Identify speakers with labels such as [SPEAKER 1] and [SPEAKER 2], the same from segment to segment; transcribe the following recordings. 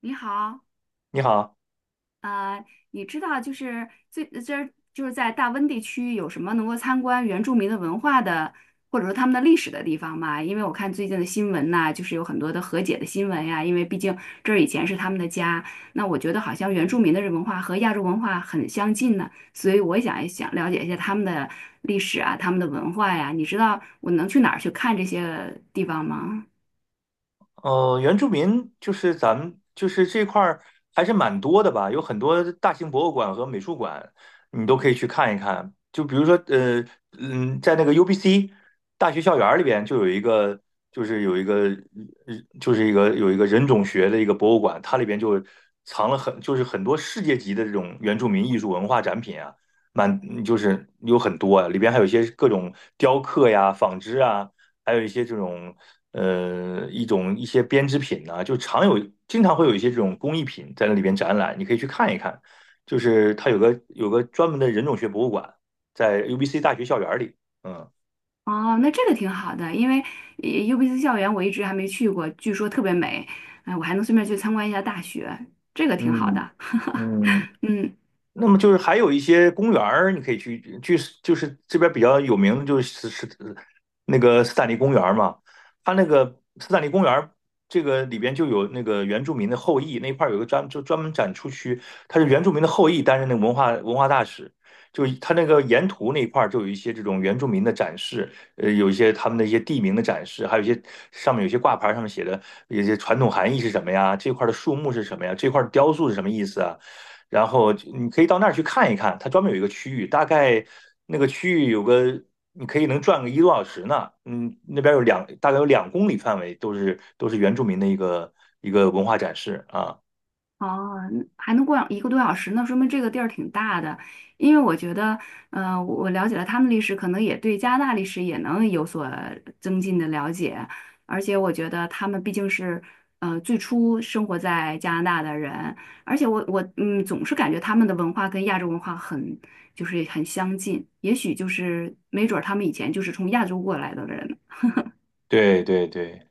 [SPEAKER 1] 你好，
[SPEAKER 2] 你好。
[SPEAKER 1] 呃，你知道就是在大温地区有什么能够参观原住民的文化的，或者说他们的历史的地方吗？因为我看最近的新闻呐、就是有很多的和解的新闻呀、因为毕竟这儿以前是他们的家，那我觉得好像原住民的文化和亚洲文化很相近呢，所以我也想了解一下他们的历史啊，他们的文化呀、你知道我能去哪儿去看这些地方吗？
[SPEAKER 2] 原住民就是咱们就是这块儿还是蛮多的吧，有很多大型博物馆和美术馆，你都可以去看一看。就比如说，在那个 UBC 大学校园儿里边就有一个，就是有一个，人种学的一个博物馆，它里边就藏了很就是很多世界级的这种原住民艺术文化展品啊，蛮就是有很多啊，里边还有一些各种雕刻呀、纺织啊。还有一些这种一些编织品呐、就常有经常会有一些这种工艺品在那里边展览，你可以去看一看。就是它有个专门的人种学博物馆，在 UBC 大学校园里。嗯
[SPEAKER 1] 哦，那这个挺好的，因为UBC 校园我一直还没去过，据说特别美，哎，我还能顺便去参观一下大学，这个挺好
[SPEAKER 2] 嗯
[SPEAKER 1] 的。
[SPEAKER 2] 嗯。
[SPEAKER 1] 嗯。
[SPEAKER 2] 那么就是还有一些公园儿，你可以去去，就是这边比较有名的就是那个斯坦利公园儿嘛，它那个斯坦利公园儿这个里边就有那个原住民的后裔那一块儿有个专门展出区，它是原住民的后裔担任那个文化大使，就它那个沿途那一块儿就有一些这种原住民的展示，有一些他们的一些地名的展示，还有一些上面有些挂牌上面写的有些传统含义是什么呀，这块儿的树木是什么呀，这块儿的雕塑是什么意思啊。然后你可以到那儿去看一看，它专门有一个区域，大概那个区域你可以转个一个多小时呢。嗯，那边大概有两公里范围都是原住民的一个一个文化展示啊。
[SPEAKER 1] 哦，那还能过一个多小时，那说明这个地儿挺大的。因为我觉得，嗯，我了解了他们历史，可能也对加拿大历史也能有所增进的了解。而且我觉得他们毕竟是，最初生活在加拿大的人，而且我嗯，总是感觉他们的文化跟亚洲文化很就是很相近，也许就是没准儿他们以前就是从亚洲过来的人呢。
[SPEAKER 2] 对对对。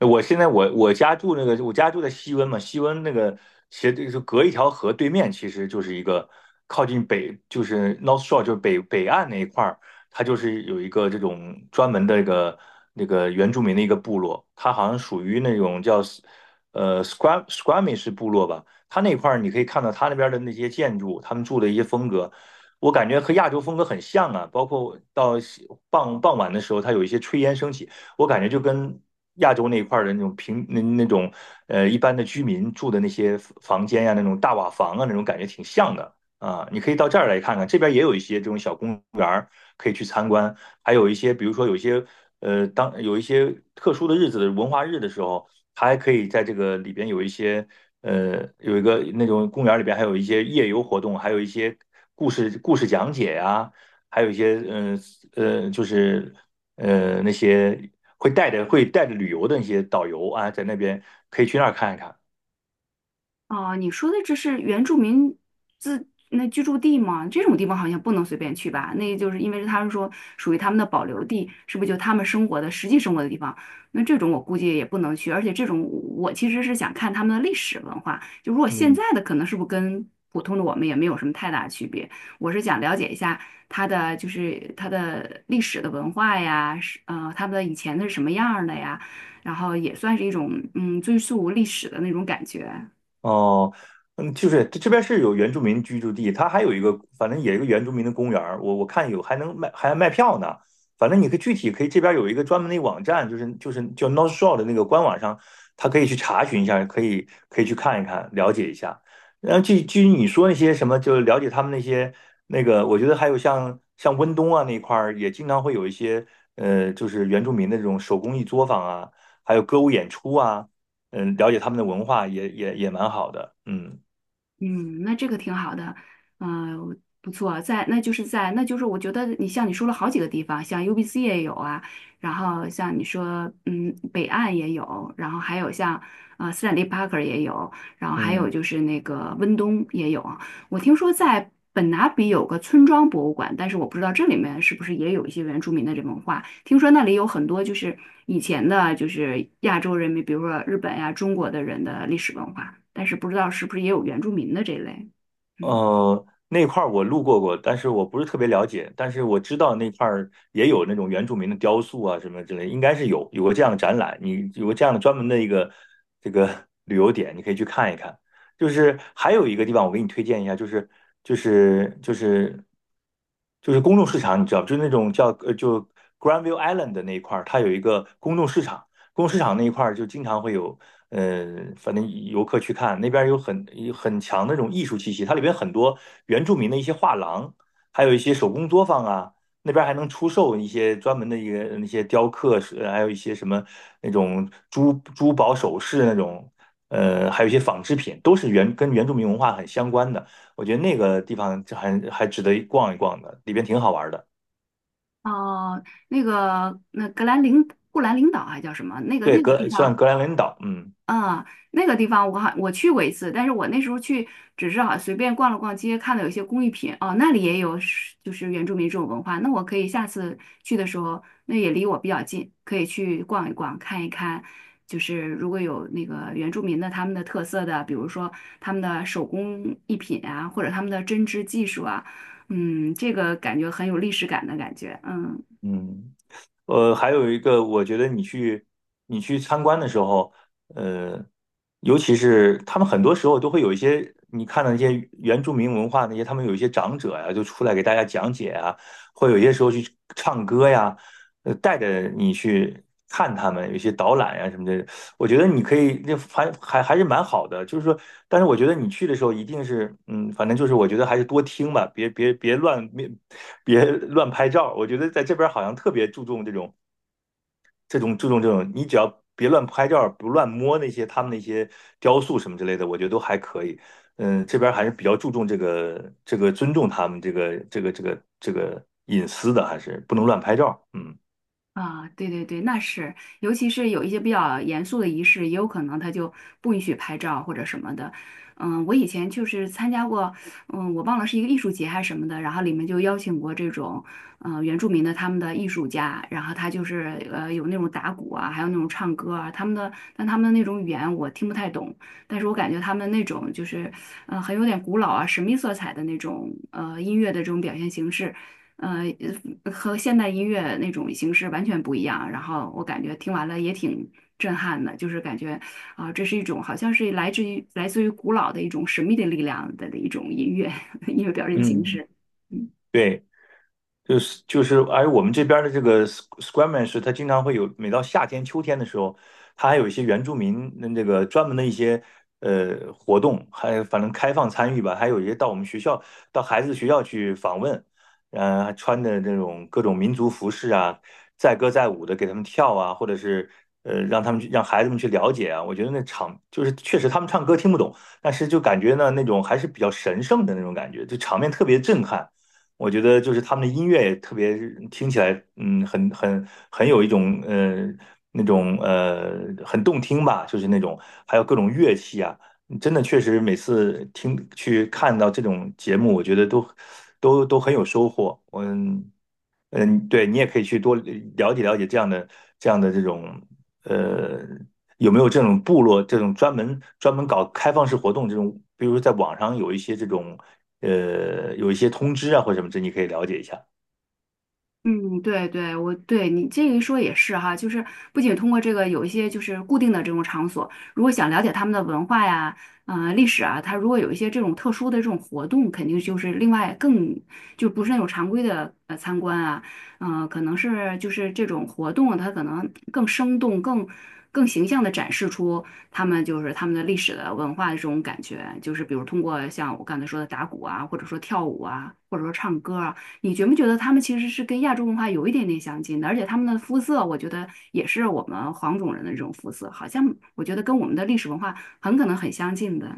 [SPEAKER 2] 我现在我我家住那个，我家住在西温嘛，西温那个斜对就隔一条河，对面其实就是一个靠近北，就是 North Shore,就是北岸那一块儿，它就是有一个这种专门的一个那个原住民的一个部落，它好像属于那种叫Squamish 部落吧，它那块儿你可以看到它那边的那些建筑，他们住的一些风格，我感觉和亚洲风格很像啊，包括到傍晚的时候，它有一些炊烟升起。我感觉就跟亚洲那一块儿的那种一般的居民住的那些房间呀、那种大瓦房啊那种感觉挺像的啊。你可以到这儿来看看，这边也有一些这种小公园儿可以去参观，还有一些比如说有一些当有一些特殊的日子的文化日的时候，它还可以在这个里边有一些。有一个那种公园里边还有一些夜游活动，还有一些故事讲解呀、还有一些就是那些会带着旅游的那些导游啊，在那边可以去那儿看一看。
[SPEAKER 1] 哦，你说的这是原住民自那居住地吗？这种地方好像不能随便去吧？那就是因为他们说属于他们的保留地，是不是就他们生活的实际生活的地方？那这种我估计也不能去，而且这种我其实是想看他们的历史文化。就如果现
[SPEAKER 2] 嗯
[SPEAKER 1] 在的可能是不是跟普通的我们也没有什么太大区别？我是想了解一下它的就是它的历史的文化呀，是他们的以前的是什么样儿的呀，然后也算是一种嗯追溯历史的那种感觉。
[SPEAKER 2] 哦。就是这边是有原住民居住地，它还有一个，反正也有一个原住民的公园儿，我看有还卖票呢。反正你可以具体可以这边有一个专门的网站，就是叫 North Shore 的那个官网上，它可以去查询一下，可以去看一看，了解一下。然后至于你说那些什么，就是了解他们那些那个，我觉得还有像温东啊那一块儿，也经常会有一些就是原住民的这种手工艺作坊啊，还有歌舞演出啊。了解他们的文化也蛮好的。嗯
[SPEAKER 1] 嗯，那这个挺好的，嗯、不错，在那就是在那就是我觉得你像你说了好几个地方，像 UBC 也有啊，然后像你说嗯北岸也有，然后还有像斯坦利·帕克也有，然后还有
[SPEAKER 2] 嗯。
[SPEAKER 1] 就是那个温东也有，我听说在本拿比有个村庄博物馆，但是我不知道这里面是不是也有一些原住民的这文化。听说那里有很多就是以前的，就是亚洲人民，比如说日本呀、中国的人的历史文化，但是不知道是不是也有原住民的这类。嗯，
[SPEAKER 2] 那块儿我路过过，但是我不是特别了解，但是我知道那块儿也有那种原住民的雕塑啊什么之类，应该是有个这样的展览，你有个这样的专门的一个这个旅游点，你可以去看一看。就是还有一个地方，我给你推荐一下，就是就是就是公众市场，你知道，就是那种叫Granville Island 的那一块儿，它有一个公众市场，公众市场那一块儿就经常会有。反正游客去看那边有很强的那种艺术气息，它里边很多原住民的一些画廊，还有一些手工作坊啊，那边还能出售一些专门的一个那些雕刻，还有一些什么那种珠宝首饰那种，还有一些纺织品，都是跟原住民文化很相关的。我觉得那个地方还值得逛一逛的，里边挺好玩的。
[SPEAKER 1] 哦、那个那格兰林布兰领导还叫什么？那个
[SPEAKER 2] 对，
[SPEAKER 1] 那个地方。
[SPEAKER 2] 格兰文岛。嗯
[SPEAKER 1] 啊，那个地方我去过一次，但是我那时候去只是好随便逛了逛街，看到有一些工艺品哦，那里也有是就是原住民这种文化，那我可以下次去的时候，那也离我比较近，可以去逛一逛，看一看，就是如果有那个原住民的他们的特色的，比如说他们的手工艺品啊，或者他们的针织技术啊，嗯，这个感觉很有历史感的感觉，嗯。
[SPEAKER 2] 嗯。还有一个，我觉得你去参观的时候，呃，尤其是他们很多时候都会有一些你看到那些原住民文化那些，他们有一些长者呀、就出来给大家讲解啊，会有一些时候去唱歌呀，带着你去看他们，有一些导览呀、什么的，我觉得你可以，那还是蛮好的，就是说，但是我觉得你去的时候一定是，反正就是我觉得还是多听吧，别乱，别乱拍照。我觉得在这边好像特别注重这种，你只要别乱拍照，不乱摸那些他们那些雕塑什么之类的，我觉得都还可以。这边还是比较注重这个尊重他们这个隐私的，还是不能乱拍照。嗯
[SPEAKER 1] 啊，对对对，那是，尤其是有一些比较严肃的仪式，也有可能他就不允许拍照或者什么的。嗯，我以前就是参加过，嗯，我忘了是一个艺术节还是什么的，然后里面就邀请过这种，原住民的他们的艺术家，然后他就是有那种打鼓啊，还有那种唱歌啊，他们的，但他们的那种语言我听不太懂，但是我感觉他们那种就是，很有点古老啊，神秘色彩的那种音乐的这种表现形式。呃，和现代音乐那种形式完全不一样。然后我感觉听完了也挺震撼的，就是感觉啊、这是一种好像是来自于古老的一种神秘的力量的一种音乐 音乐表现形
[SPEAKER 2] 嗯。
[SPEAKER 1] 式。嗯。
[SPEAKER 2] 对。就是，而我们这边儿的这个 Squamish 他经常会有，每到夏天、秋天的时候，他还有一些原住民那这个专门的一些活动，还有反正开放参与吧，还有一些到我们学校，到孩子学校去访问，还穿的这种各种民族服饰啊，载歌载舞的给他们跳啊，或者是让他们去让孩子们去了解啊，我觉得那场就是确实他们唱歌听不懂，但是就感觉呢那种还是比较神圣的那种感觉，就场面特别震撼。我觉得就是他们的音乐也特别听起来，很有一种那种很动听吧，就是那种还有各种乐器啊，真的确实每次听去看到这种节目，我觉得都很有收获。嗯。嗯。对，你也可以去多了解了解这样的这种，呃，有没有这种部落这种专门搞开放式活动这种，比如在网上有一些这种，有一些通知啊或者什么这，你可以了解一下。
[SPEAKER 1] 嗯，对对，我对你这一说也是哈，就是不仅通过这个有一些就是固定的这种场所，如果想了解他们的文化呀、历史啊，他如果有一些这种特殊的这种活动，肯定就是另外更就不是那种常规的参观啊，嗯、可能是就是这种活动它可能更生动、更形象的展示出他们就是他们的历史的文化的这种感觉，就是比如通过像我刚才说的打鼓啊，或者说跳舞啊，或者说唱歌啊。你觉不觉得他们其实是跟亚洲文化有一点点相近的？而且他们的肤色，我觉得也是我们黄种人的这种肤色，好像我觉得跟我们的历史文化很可能很相近的。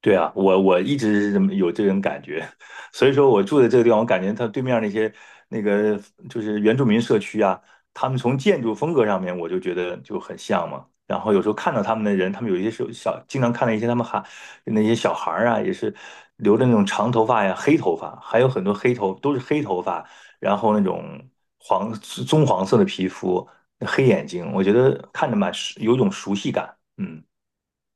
[SPEAKER 2] 对啊，我一直是这么有这种感觉，所以说我住的这个地方，我感觉它对面儿那些那个就是原住民社区啊，他们从建筑风格上面，我就觉得就很像嘛。然后有时候看到他们的人，他们有一些时候小，经常看到一些他们还那些小孩儿啊，也是留着那种长头发呀、黑头发，还有很多都是黑头发，然后那种黄色的皮肤、黑眼睛，我觉得看着蛮有一种熟悉感。嗯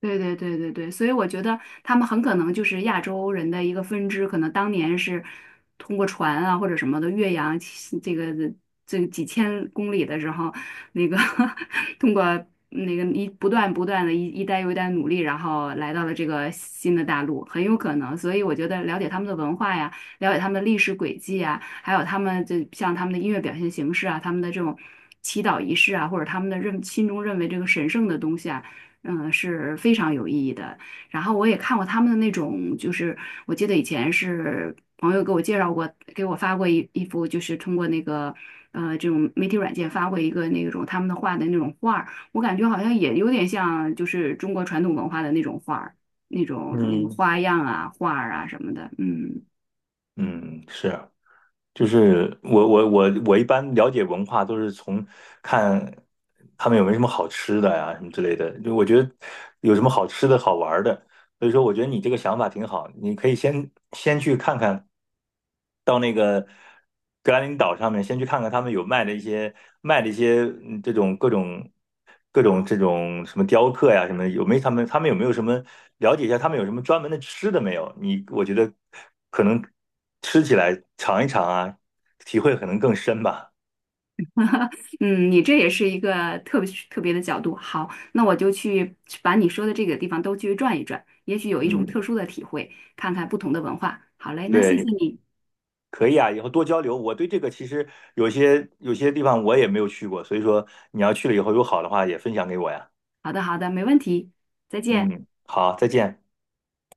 [SPEAKER 1] 对对对对对，所以我觉得他们很可能就是亚洲人的一个分支，可能当年是通过船啊或者什么的越洋起这个几千公里的时候，那个 通过那个不断的一代又一代努力，然后来到了这个新的大陆，很有可能。所以我觉得了解他们的文化呀。了解他们的历史轨迹啊，还有他们就像他们的音乐表现形式啊，他们的这种祈祷仪式啊，或者他们的心中认为这个神圣的东西啊，嗯，是非常有意义的。然后我也看过他们的那种，就是我记得以前是朋友给我介绍过，给我发过一幅，就是通过那个这种媒体软件发过一个那种他们的画的那种画儿，我感觉好像也有点像就是中国传统文化的那种画儿，那种
[SPEAKER 2] 嗯。
[SPEAKER 1] 花样啊、画儿啊什么的，嗯。
[SPEAKER 2] 嗯。是。就是我一般了解文化都是从看他们有没有什么好吃的呀、什么之类的。就我觉得有什么好吃的好玩儿的，所以说，我觉得你这个想法挺好，你可以先去看看，到那个格兰林岛上面先去看看他们有卖的一些这种各种这种什么雕刻呀什么的有没有他们他们有没有什么了解一下他们有什么专门的吃的没有？你我觉得可能吃起来尝一尝啊，体会可能更深吧。
[SPEAKER 1] 嗯，你这也是一个特别的角度。好，那我就去把你说的这个地方都去转一转，也许有一种
[SPEAKER 2] 嗯。
[SPEAKER 1] 特殊的体会，看看不同的文化。好嘞，那谢
[SPEAKER 2] 对，
[SPEAKER 1] 谢你。
[SPEAKER 2] 可以啊，以后多交流。我对这个其实有些地方我也没有去过，所以说你要去了以后有好的话也分享给我呀。
[SPEAKER 1] 好的，好的，没问题，再见。
[SPEAKER 2] 嗯，好，再见。